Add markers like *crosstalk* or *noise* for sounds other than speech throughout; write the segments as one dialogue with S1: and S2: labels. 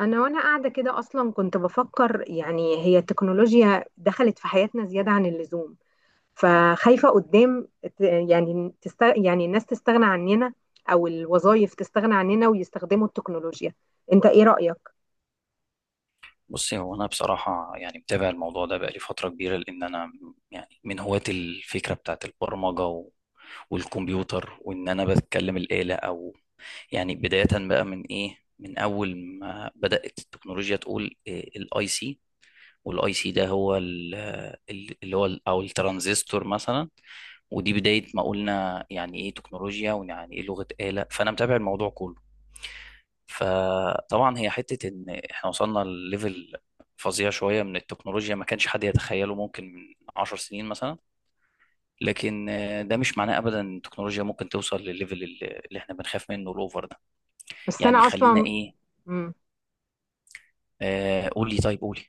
S1: انا وانا قاعده كده اصلا كنت بفكر، يعني هي التكنولوجيا دخلت في حياتنا زياده عن اللزوم. فخايفه قدام، يعني الناس تستغنى عننا، او الوظائف تستغنى عننا ويستخدموا التكنولوجيا. انت ايه رايك؟
S2: بصي، هو انا بصراحه يعني متابع الموضوع ده بقالي فتره كبيره، لان انا يعني من هواة الفكره بتاعت البرمجه و- والكمبيوتر، وان انا بتكلم الاله او يعني بدايه بقى من ايه، من اول ما بدات التكنولوجيا تقول الاي سي. والاي سي ده هو اللي هو او الترانزستور مثلا. ودي بدايه ما قلنا يعني ايه تكنولوجيا ويعني ايه لغه اله. فانا متابع الموضوع كله. فطبعا هي حتة ان احنا وصلنا لليفل فظيع شوية من التكنولوجيا ما كانش حد يتخيله ممكن من عشر سنين مثلا. لكن ده مش معناه ابدا ان التكنولوجيا ممكن توصل للليفل اللي احنا بنخاف منه، الاوفر ده.
S1: بس
S2: يعني
S1: انا
S2: خلينا
S1: اصلا.
S2: ايه.
S1: مم.
S2: قولي، طيب قولي.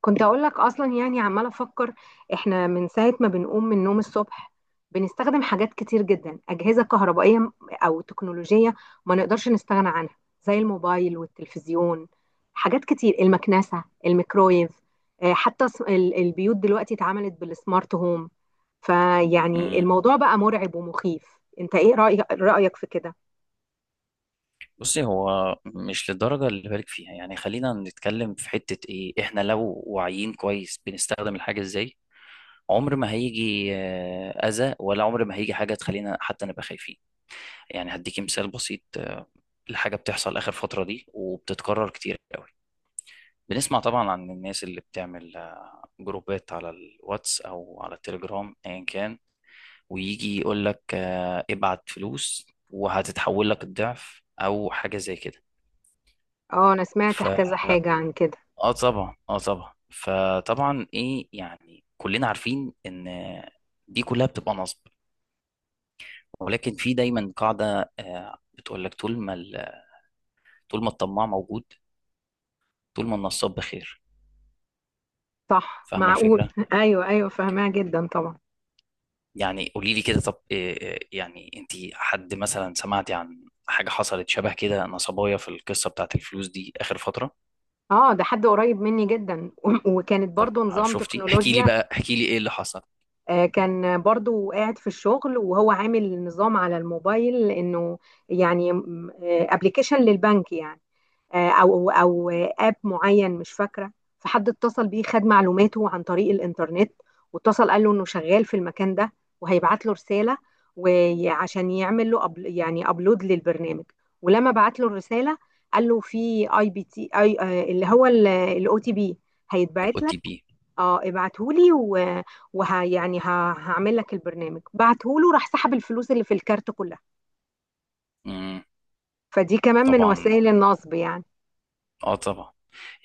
S1: كنت اقول لك اصلا، يعني عماله افكر. احنا من ساعه ما بنقوم من النوم الصبح بنستخدم حاجات كتير جدا، اجهزه كهربائيه او تكنولوجيه، ما نقدرش نستغنى عنها، زي الموبايل والتلفزيون. حاجات كتير، المكنسه، الميكرويف. حتى البيوت دلوقتي اتعملت بالسمارت هوم. فيعني
S2: مم.
S1: الموضوع بقى مرعب ومخيف. انت ايه رايك في كده؟
S2: بصي، هو مش للدرجة اللي بالك فيها، يعني خلينا نتكلم في حتة ايه، احنا لو واعيين كويس بنستخدم الحاجة ازاي، عمر ما هيجي اذى، ولا عمر ما هيجي حاجة تخلينا حتى نبقى خايفين. يعني هديكي مثال بسيط لحاجة بتحصل آخر فترة دي وبتتكرر كتير قوي. بنسمع طبعا عن الناس اللي بتعمل جروبات على الواتس أو على التليجرام أيا كان، ويجي يقول لك ابعت فلوس وهتتحول لك الضعف أو حاجة زي كده.
S1: اه انا سمعت
S2: ف
S1: كذا حاجه عن كده.
S2: اه طبعا اه طبعا فطبعا ايه، يعني كلنا عارفين ان دي كلها بتبقى نصب. ولكن في دايما قاعدة بتقول لك، طول ما الطماع موجود، طول ما النصاب بخير.
S1: صح،
S2: فاهمة
S1: معقول
S2: الفكرة؟
S1: *laughs* ايوه ايوه، فاهمها جدا طبعا.
S2: يعني قولي لي كده، طب إيه يعني، انت حد مثلا سمعتي عن حاجة حصلت شبه كده، نصبايا في القصة بتاعت الفلوس دي آخر فترة؟
S1: اه ده حد قريب مني جدا *laughs* وكانت
S2: طب،
S1: برضو نظام
S2: شفتي؟ احكي لي
S1: تكنولوجيا.
S2: بقى احكي لي ايه اللي حصل؟
S1: كان برضو قاعد في الشغل وهو عامل نظام على الموبايل، انه يعني ابلكيشن للبنك يعني، او اب معين مش فاكره. فحد اتصل بيه، خد معلوماته عن طريق الانترنت، واتصل قال له انه شغال في المكان ده وهيبعت له رساله وعشان يعمل له أبل، يعني ابلود للبرنامج. ولما بعت له الرساله قال له في اي بي تي اي، اللي هو الاو تي بي،
S2: الاو
S1: هيتبعت لك.
S2: تي بي.
S1: اه ابعته لي ويعني هعمل لك البرنامج، بعته له راح سحب الفلوس اللي في الكارت كلها. فدي كمان من
S2: طبعا
S1: وسائل النصب يعني.
S2: اه طبعا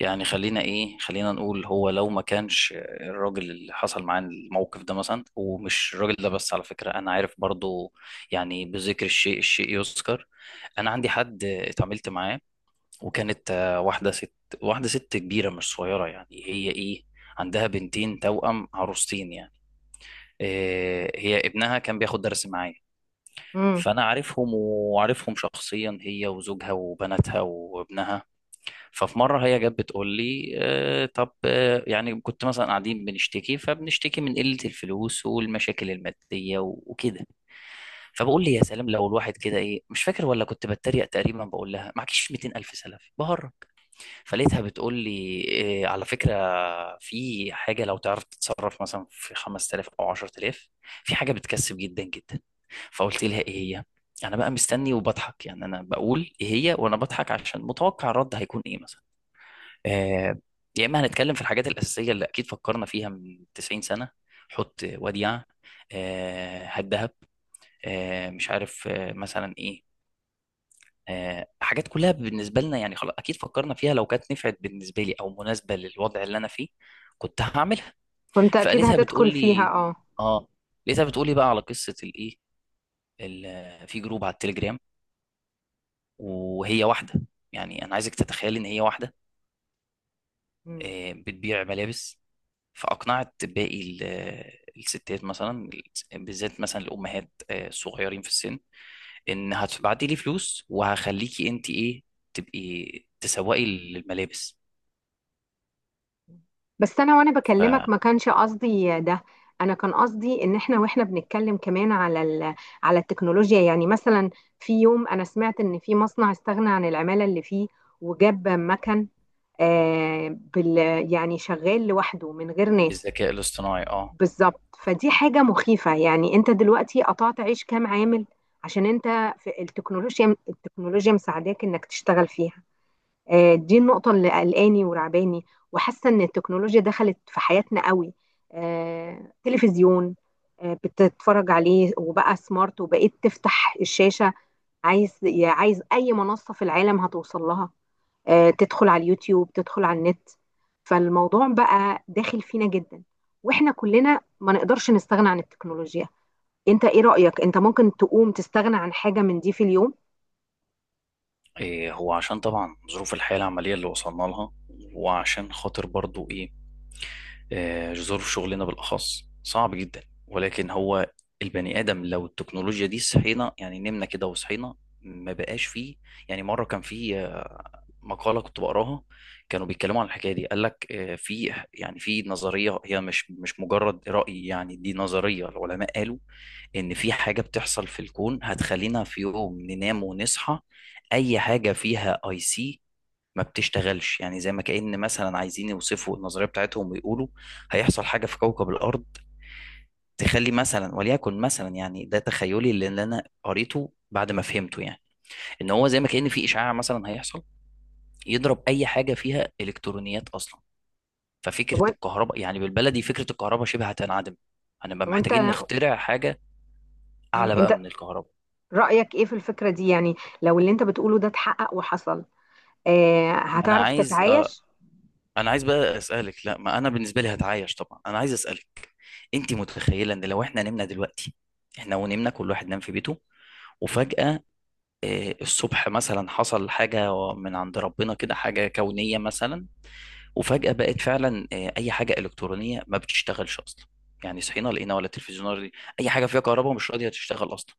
S2: يعني خلينا نقول، هو لو ما كانش الراجل اللي حصل معاه الموقف ده مثلا، ومش الراجل ده بس، على فكرة انا عارف برضو، يعني بذكر الشيء الشيء يذكر، انا عندي حد اتعاملت معاه، وكانت واحدة ست كبيرة، مش صغيرة، يعني هي إيه، عندها بنتين توأم عروستين يعني. هي ابنها كان بياخد درس معايا،
S1: مم.
S2: فأنا عارفهم شخصيا، هي وزوجها وبناتها وابنها. ففي مرة هي جت بتقول لي طب يعني كنت مثلا قاعدين بنشتكي فبنشتكي من قلة الفلوس والمشاكل المادية و- وكده. فبقول لي يا سلام، لو الواحد كده ايه، مش فاكر، ولا كنت بتريق تقريبا، بقول لها معكيش 200 الف سلف بهرب. فلقيتها بتقول لي، إيه على فكرة، في حاجة لو تعرف تتصرف مثلا في 5000 أو 10000، في حاجة بتكسب جدا جدا. فقلت لها إيه هي؟ أنا بقى مستني وبضحك، يعني أنا بقول إيه هي وأنا بضحك عشان متوقع الرد هيكون إيه مثلا. آه يا إما هنتكلم في الحاجات الأساسية اللي أكيد فكرنا فيها من 90 سنة، حط وديعة، هات دهب، مش عارف، مثلا إيه، حاجات كلها بالنسبة لنا يعني خلاص أكيد فكرنا فيها، لو كانت نفعت بالنسبة لي أو مناسبة للوضع اللي أنا فيه كنت هعملها.
S1: كنت اكيد
S2: فقالتها بتقول
S1: هتدخل فيها
S2: لي
S1: اه.
S2: آه لقيتها بتقول لي بقى على قصة الإيه، في جروب على التليجرام، وهي واحدة، يعني أنا عايزك تتخيل، إن هي واحدة
S1: مم.
S2: بتبيع ملابس، فأقنعت باقي الستات مثلا، بالذات مثلا الأمهات الصغيرين في السن، إن هتبعتي لي فلوس وهخليكي أنت إيه، تبقي تسوقي للملابس.
S1: بس انا وانا بكلمك ما كانش قصدي ده. انا كان قصدي ان احنا واحنا بنتكلم كمان على على التكنولوجيا. يعني مثلا، في يوم انا سمعت ان في مصنع استغنى عن العمالة اللي فيه وجاب مكن، آه بال... يعني شغال لوحده من غير ناس.
S2: الذكاء الاصطناعي، اه.
S1: بالظبط، فدي حاجة مخيفة يعني. انت دلوقتي قطعت عيش كام عامل عشان انت في التكنولوجيا التكنولوجيا مساعداك انك تشتغل فيها. دي النقطة اللي قلقاني ورعباني، وحاسة إن التكنولوجيا دخلت في حياتنا قوي. تلفزيون بتتفرج عليه وبقى سمارت، وبقيت تفتح الشاشة عايز يا عايز أي منصة في العالم هتوصل لها. تدخل على اليوتيوب، تدخل على النت. فالموضوع بقى داخل فينا جدا، وإحنا كلنا ما نقدرش نستغنى عن التكنولوجيا. أنت إيه رأيك؟ أنت ممكن تقوم تستغنى عن حاجة من دي في اليوم؟
S2: إيه، هو عشان طبعا ظروف الحياة العملية اللي وصلنا لها، وعشان خاطر برضو ايه، ظروف شغلنا بالأخص صعب جدا. ولكن هو البني آدم، لو التكنولوجيا دي صحينا يعني نمنا كده وصحينا ما بقاش فيه، يعني مرة كان فيه مقالة كنت بقراها، كانوا بيتكلموا عن الحكاية دي، قال لك في نظرية، هي مش مجرد رأي، يعني دي نظرية العلماء قالوا إن في حاجة بتحصل في الكون هتخلينا في يوم ننام ونصحى أي حاجة فيها أي سي ما بتشتغلش. يعني زي ما كأن مثلا عايزين يوصفوا النظرية بتاعتهم ويقولوا هيحصل حاجة في كوكب الأرض تخلي مثلا، وليكن مثلا يعني ده تخيلي اللي أنا قريته بعد ما فهمته يعني، ان هو زي ما كأن في اشعاع مثلا هيحصل يضرب اي حاجه فيها الكترونيات اصلا. ففكره
S1: هو.
S2: الكهرباء يعني بالبلدي فكره الكهرباء شبه هتنعدم، هنبقى
S1: هو
S2: محتاجين
S1: أنت
S2: نخترع حاجه اعلى بقى
S1: أنت
S2: من الكهرباء.
S1: رأيك ايه في الفكرة دي؟ يعني لو اللي انت بتقوله ده اتحقق وحصل،
S2: ما انا
S1: هتعرف
S2: عايز آه،
S1: تتعايش؟
S2: انا عايز بقى اسالك، لا ما انا بالنسبه لي هتعايش طبعا، انا عايز اسالك، انت متخيله ان لو احنا نمنا دلوقتي، احنا ونمنا كل واحد نام في بيته، وفجاه الصبح مثلا حصل حاجه من عند ربنا كده، حاجه كونيه مثلا، وفجأة بقت فعلا أي حاجة إلكترونية ما بتشتغلش أصلا، يعني صحينا لقينا ولا تلفزيون ولا راديو، أي حاجة فيها كهرباء مش راضية تشتغل أصلا،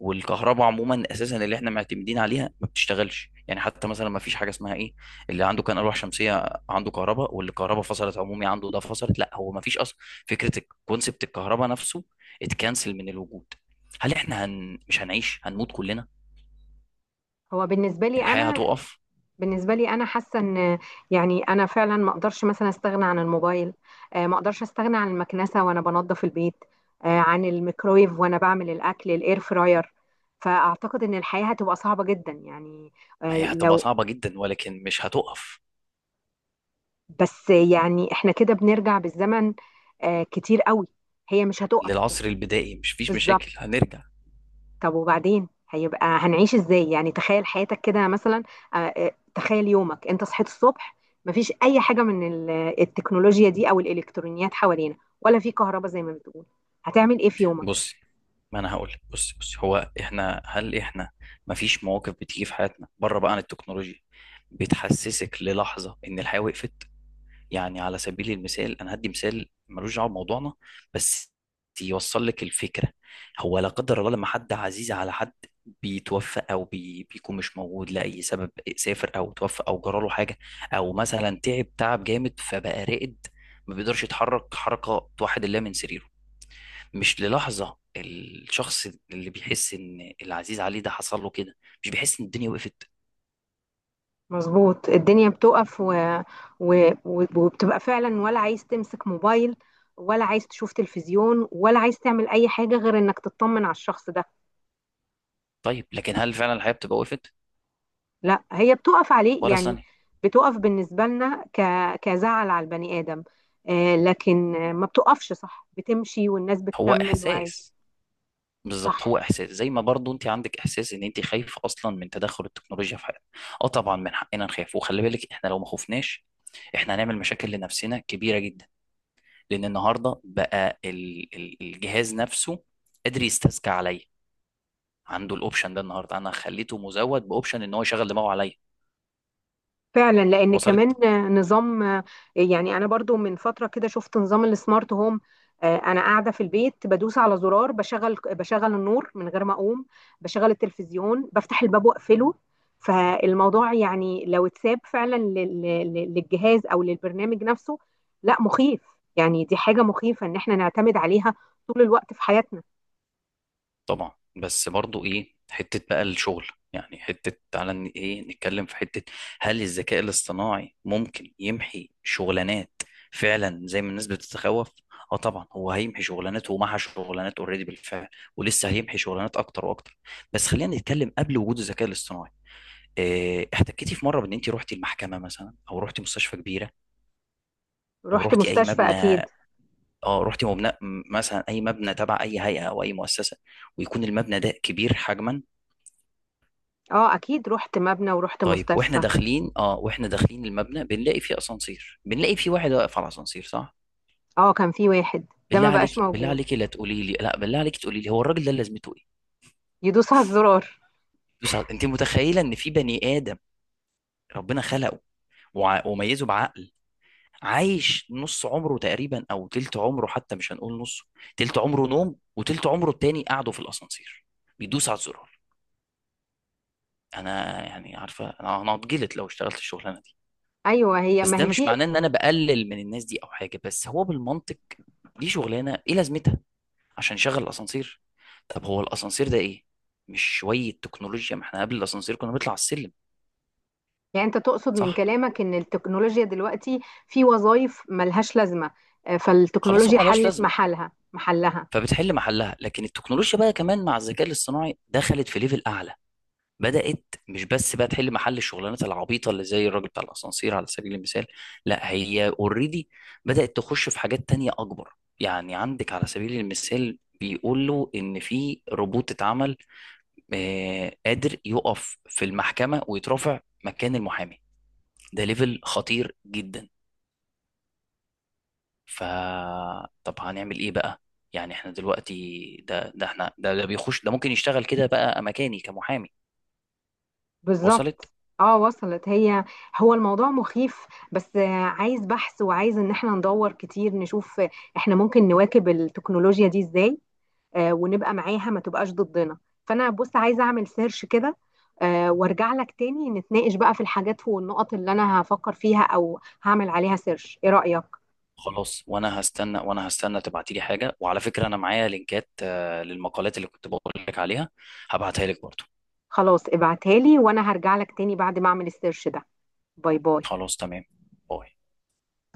S2: والكهرباء عموما أساسا اللي احنا معتمدين عليها ما بتشتغلش، يعني حتى مثلا ما فيش حاجة اسمها إيه، اللي عنده كان ألواح شمسية عنده كهرباء واللي الكهرباء فصلت عمومي عنده ده فصلت، لا هو ما فيش أصلا فكرة الكونسبت الكهرباء نفسه، اتكنسل من الوجود. هل احنا مش هنعيش، هنموت كلنا،
S1: هو بالنسبة لي
S2: يعني الحياة
S1: انا
S2: هتقف؟
S1: بالنسبة لي انا حاسة ان، يعني انا فعلا ما اقدرش مثلا استغنى عن الموبايل. ما اقدرش استغنى عن المكنسة وانا بنظف البيت، عن الميكرويف وانا بعمل الاكل، الاير فراير. فاعتقد ان الحياة هتبقى صعبة جدا يعني.
S2: ما هي
S1: آه
S2: هتبقى
S1: لو
S2: صعبة جدا ولكن مش هتقف،
S1: بس يعني احنا كده بنرجع بالزمن كتير قوي. هي مش هتقف بس.
S2: للعصر البدائي مش فيش
S1: بالظبط.
S2: مشاكل هنرجع.
S1: طب وبعدين هيبقى هنعيش ازاي؟ يعني تخيل حياتك كده مثلا. تخيل يومك، انت صحيت الصبح، مفيش اي حاجه من التكنولوجيا دي او الالكترونيات حوالينا، ولا في كهرباء زي ما بتقول. هتعمل ايه في يومك؟
S2: بصي، ما انا هقول لك بصي بصي هو هل احنا ما فيش مواقف بتيجي في حياتنا بره بقى عن التكنولوجيا بتحسسك للحظة ان الحياة وقفت؟ يعني على سبيل المثال، انا هدي مثال ملوش دعوه بموضوعنا بس يوصل لك الفكره. هو لا قدر الله لما حد عزيز على حد بيتوفى، او بيكون مش موجود لاي سبب، سافر او توفى او جراله حاجه، او مثلا تعب تعب جامد فبقى رائد ما بيقدرش يتحرك حركه توحد الله من سريره، مش للحظه الشخص اللي بيحس ان العزيز عليه ده حصل له كده مش بيحس ان الدنيا وقفت؟
S1: مظبوط، الدنيا بتقف وبتبقى فعلا ولا عايز تمسك موبايل ولا عايز تشوف تلفزيون ولا عايز تعمل اي حاجه غير انك تطمن على الشخص ده.
S2: طيب لكن هل فعلا الحياه بتبقى وقفت
S1: لا هي بتقف عليه
S2: ولا
S1: يعني.
S2: ثانيه؟
S1: بتقف بالنسبة لنا كزعل على البني آدم. لكن ما بتقفش، صح، بتمشي والناس
S2: هو
S1: بتكمل وعادي.
S2: احساس، بالظبط
S1: صح،
S2: هو احساس، زي ما برضو انت عندك احساس ان انت خايف اصلا من تدخل التكنولوجيا في حياتنا. اه طبعا من حقنا نخاف، وخلي بالك احنا لو ما خفناش احنا هنعمل مشاكل لنفسنا كبيره جدا، لان النهارده بقى الجهاز نفسه قادر يستذكى عليا، عنده الاوبشن ده النهارده، انا خليته مزود باوبشن ان هو يشغل دماغه عليا.
S1: فعلا، لان
S2: وصلت؟
S1: كمان نظام. يعني انا برضو من فتره كده شفت نظام السمارت هوم. انا قاعده في البيت بدوس على زرار، بشغل النور من غير ما اقوم، بشغل التلفزيون، بفتح الباب واقفله. فالموضوع يعني لو اتساب فعلا للجهاز او للبرنامج نفسه، لا مخيف. يعني دي حاجه مخيفه ان احنا نعتمد عليها طول الوقت في حياتنا.
S2: طبعا، بس برضو ايه، حتة بقى الشغل، يعني حتة تعالى ايه نتكلم في حتة، هل الذكاء الاصطناعي ممكن يمحي شغلانات فعلا زي ما الناس بتتخوف؟ اه طبعا هو هيمحي شغلانات، ومحى شغلانات اوريدي بالفعل، ولسه هيمحي شغلانات اكتر واكتر. بس خلينا نتكلم قبل وجود الذكاء الاصطناعي. إيه، احتكيتي في مرة بان انت رحتي المحكمة مثلا، او رحتي مستشفى كبيرة، او
S1: رحت
S2: رحتي اي
S1: مستشفى
S2: مبنى؟
S1: اكيد.
S2: اه رحتي مبنى، مثلا اي مبنى تبع اي هيئة او اي مؤسسة، ويكون المبنى ده كبير حجما؟
S1: اه اكيد رحت مبنى ورحت
S2: طيب، واحنا
S1: مستشفى.
S2: داخلين اه واحنا داخلين المبنى، بنلاقي فيه اسانسير، بنلاقي فيه واحد واقف على الاسانسير صح؟
S1: اه كان في واحد ده
S2: بالله
S1: ما بقاش
S2: عليك، بالله
S1: موجود.
S2: عليك لا تقولي لي لا، بالله عليك تقولي لي هو الراجل ده لازمته ايه؟
S1: يدوس على الزرار.
S2: بس انت متخيله ان في بني ادم ربنا خلقه وع- وميزه بعقل، عايش نص عمره تقريبا او تلت عمره، حتى مش هنقول نصه، تلت عمره نوم وتلت عمره التاني قعده في الاسانسير بيدوس على الزرار. انا يعني عارفه، أنا هتجلط لو اشتغلت الشغلانه دي.
S1: ايوه هي،
S2: بس
S1: ما
S2: ده
S1: هي في.
S2: مش معناه ان انا بقلل من الناس دي او حاجه، بس هو بالمنطق دي شغلانه ايه لازمتها؟ عشان يشغل الاسانسير؟ طب هو الاسانسير ده ايه، مش شويه تكنولوجيا؟ ما احنا قبل الاسانسير كنا بنطلع على السلم
S1: يعني انت تقصد من
S2: صح؟
S1: كلامك ان التكنولوجيا دلوقتي في وظائف ملهاش لازمه،
S2: خلاص، هو
S1: فالتكنولوجيا
S2: ملهاش
S1: حلت
S2: لازمه
S1: محلها.
S2: فبتحل محلها. لكن التكنولوجيا بقى كمان مع الذكاء الاصطناعي دخلت في ليفل اعلى، بدأت مش بس بقى تحل محل الشغلانات العبيطة اللي زي الراجل بتاع الأسانسير على سبيل المثال، لا هي اوريدي بدأت تخش في حاجات تانية أكبر. يعني عندك على سبيل المثال بيقول له إن في روبوت اتعمل قادر يقف في المحكمة ويترافع مكان المحامي، ده ليفل خطير جدا. ف طب هنعمل إيه بقى؟ يعني احنا دلوقتي ده احنا ده بيخش، ده ممكن يشتغل كده بقى مكاني كمحامي. وصلت؟
S1: بالظبط. اه وصلت هي. هو الموضوع مخيف، بس عايز بحث وعايز ان احنا ندور كتير نشوف احنا ممكن نواكب التكنولوجيا دي ازاي، ونبقى معاها ما تبقاش ضدنا. فانا بص عايزه اعمل سيرش كده، وارجع لك تاني نتناقش بقى في الحاجات والنقط اللي انا هفكر فيها او هعمل عليها سيرش. ايه رأيك؟
S2: خلاص، وانا هستنى تبعتي لي حاجه، وعلى فكره انا معايا لينكات للمقالات اللي كنت بقول لك عليها هبعتها لك برضو.
S1: خلاص ابعتها لي، وانا هرجع لك تاني بعد ما اعمل السيرش ده. باي باي.
S2: خلاص، تمام. باي.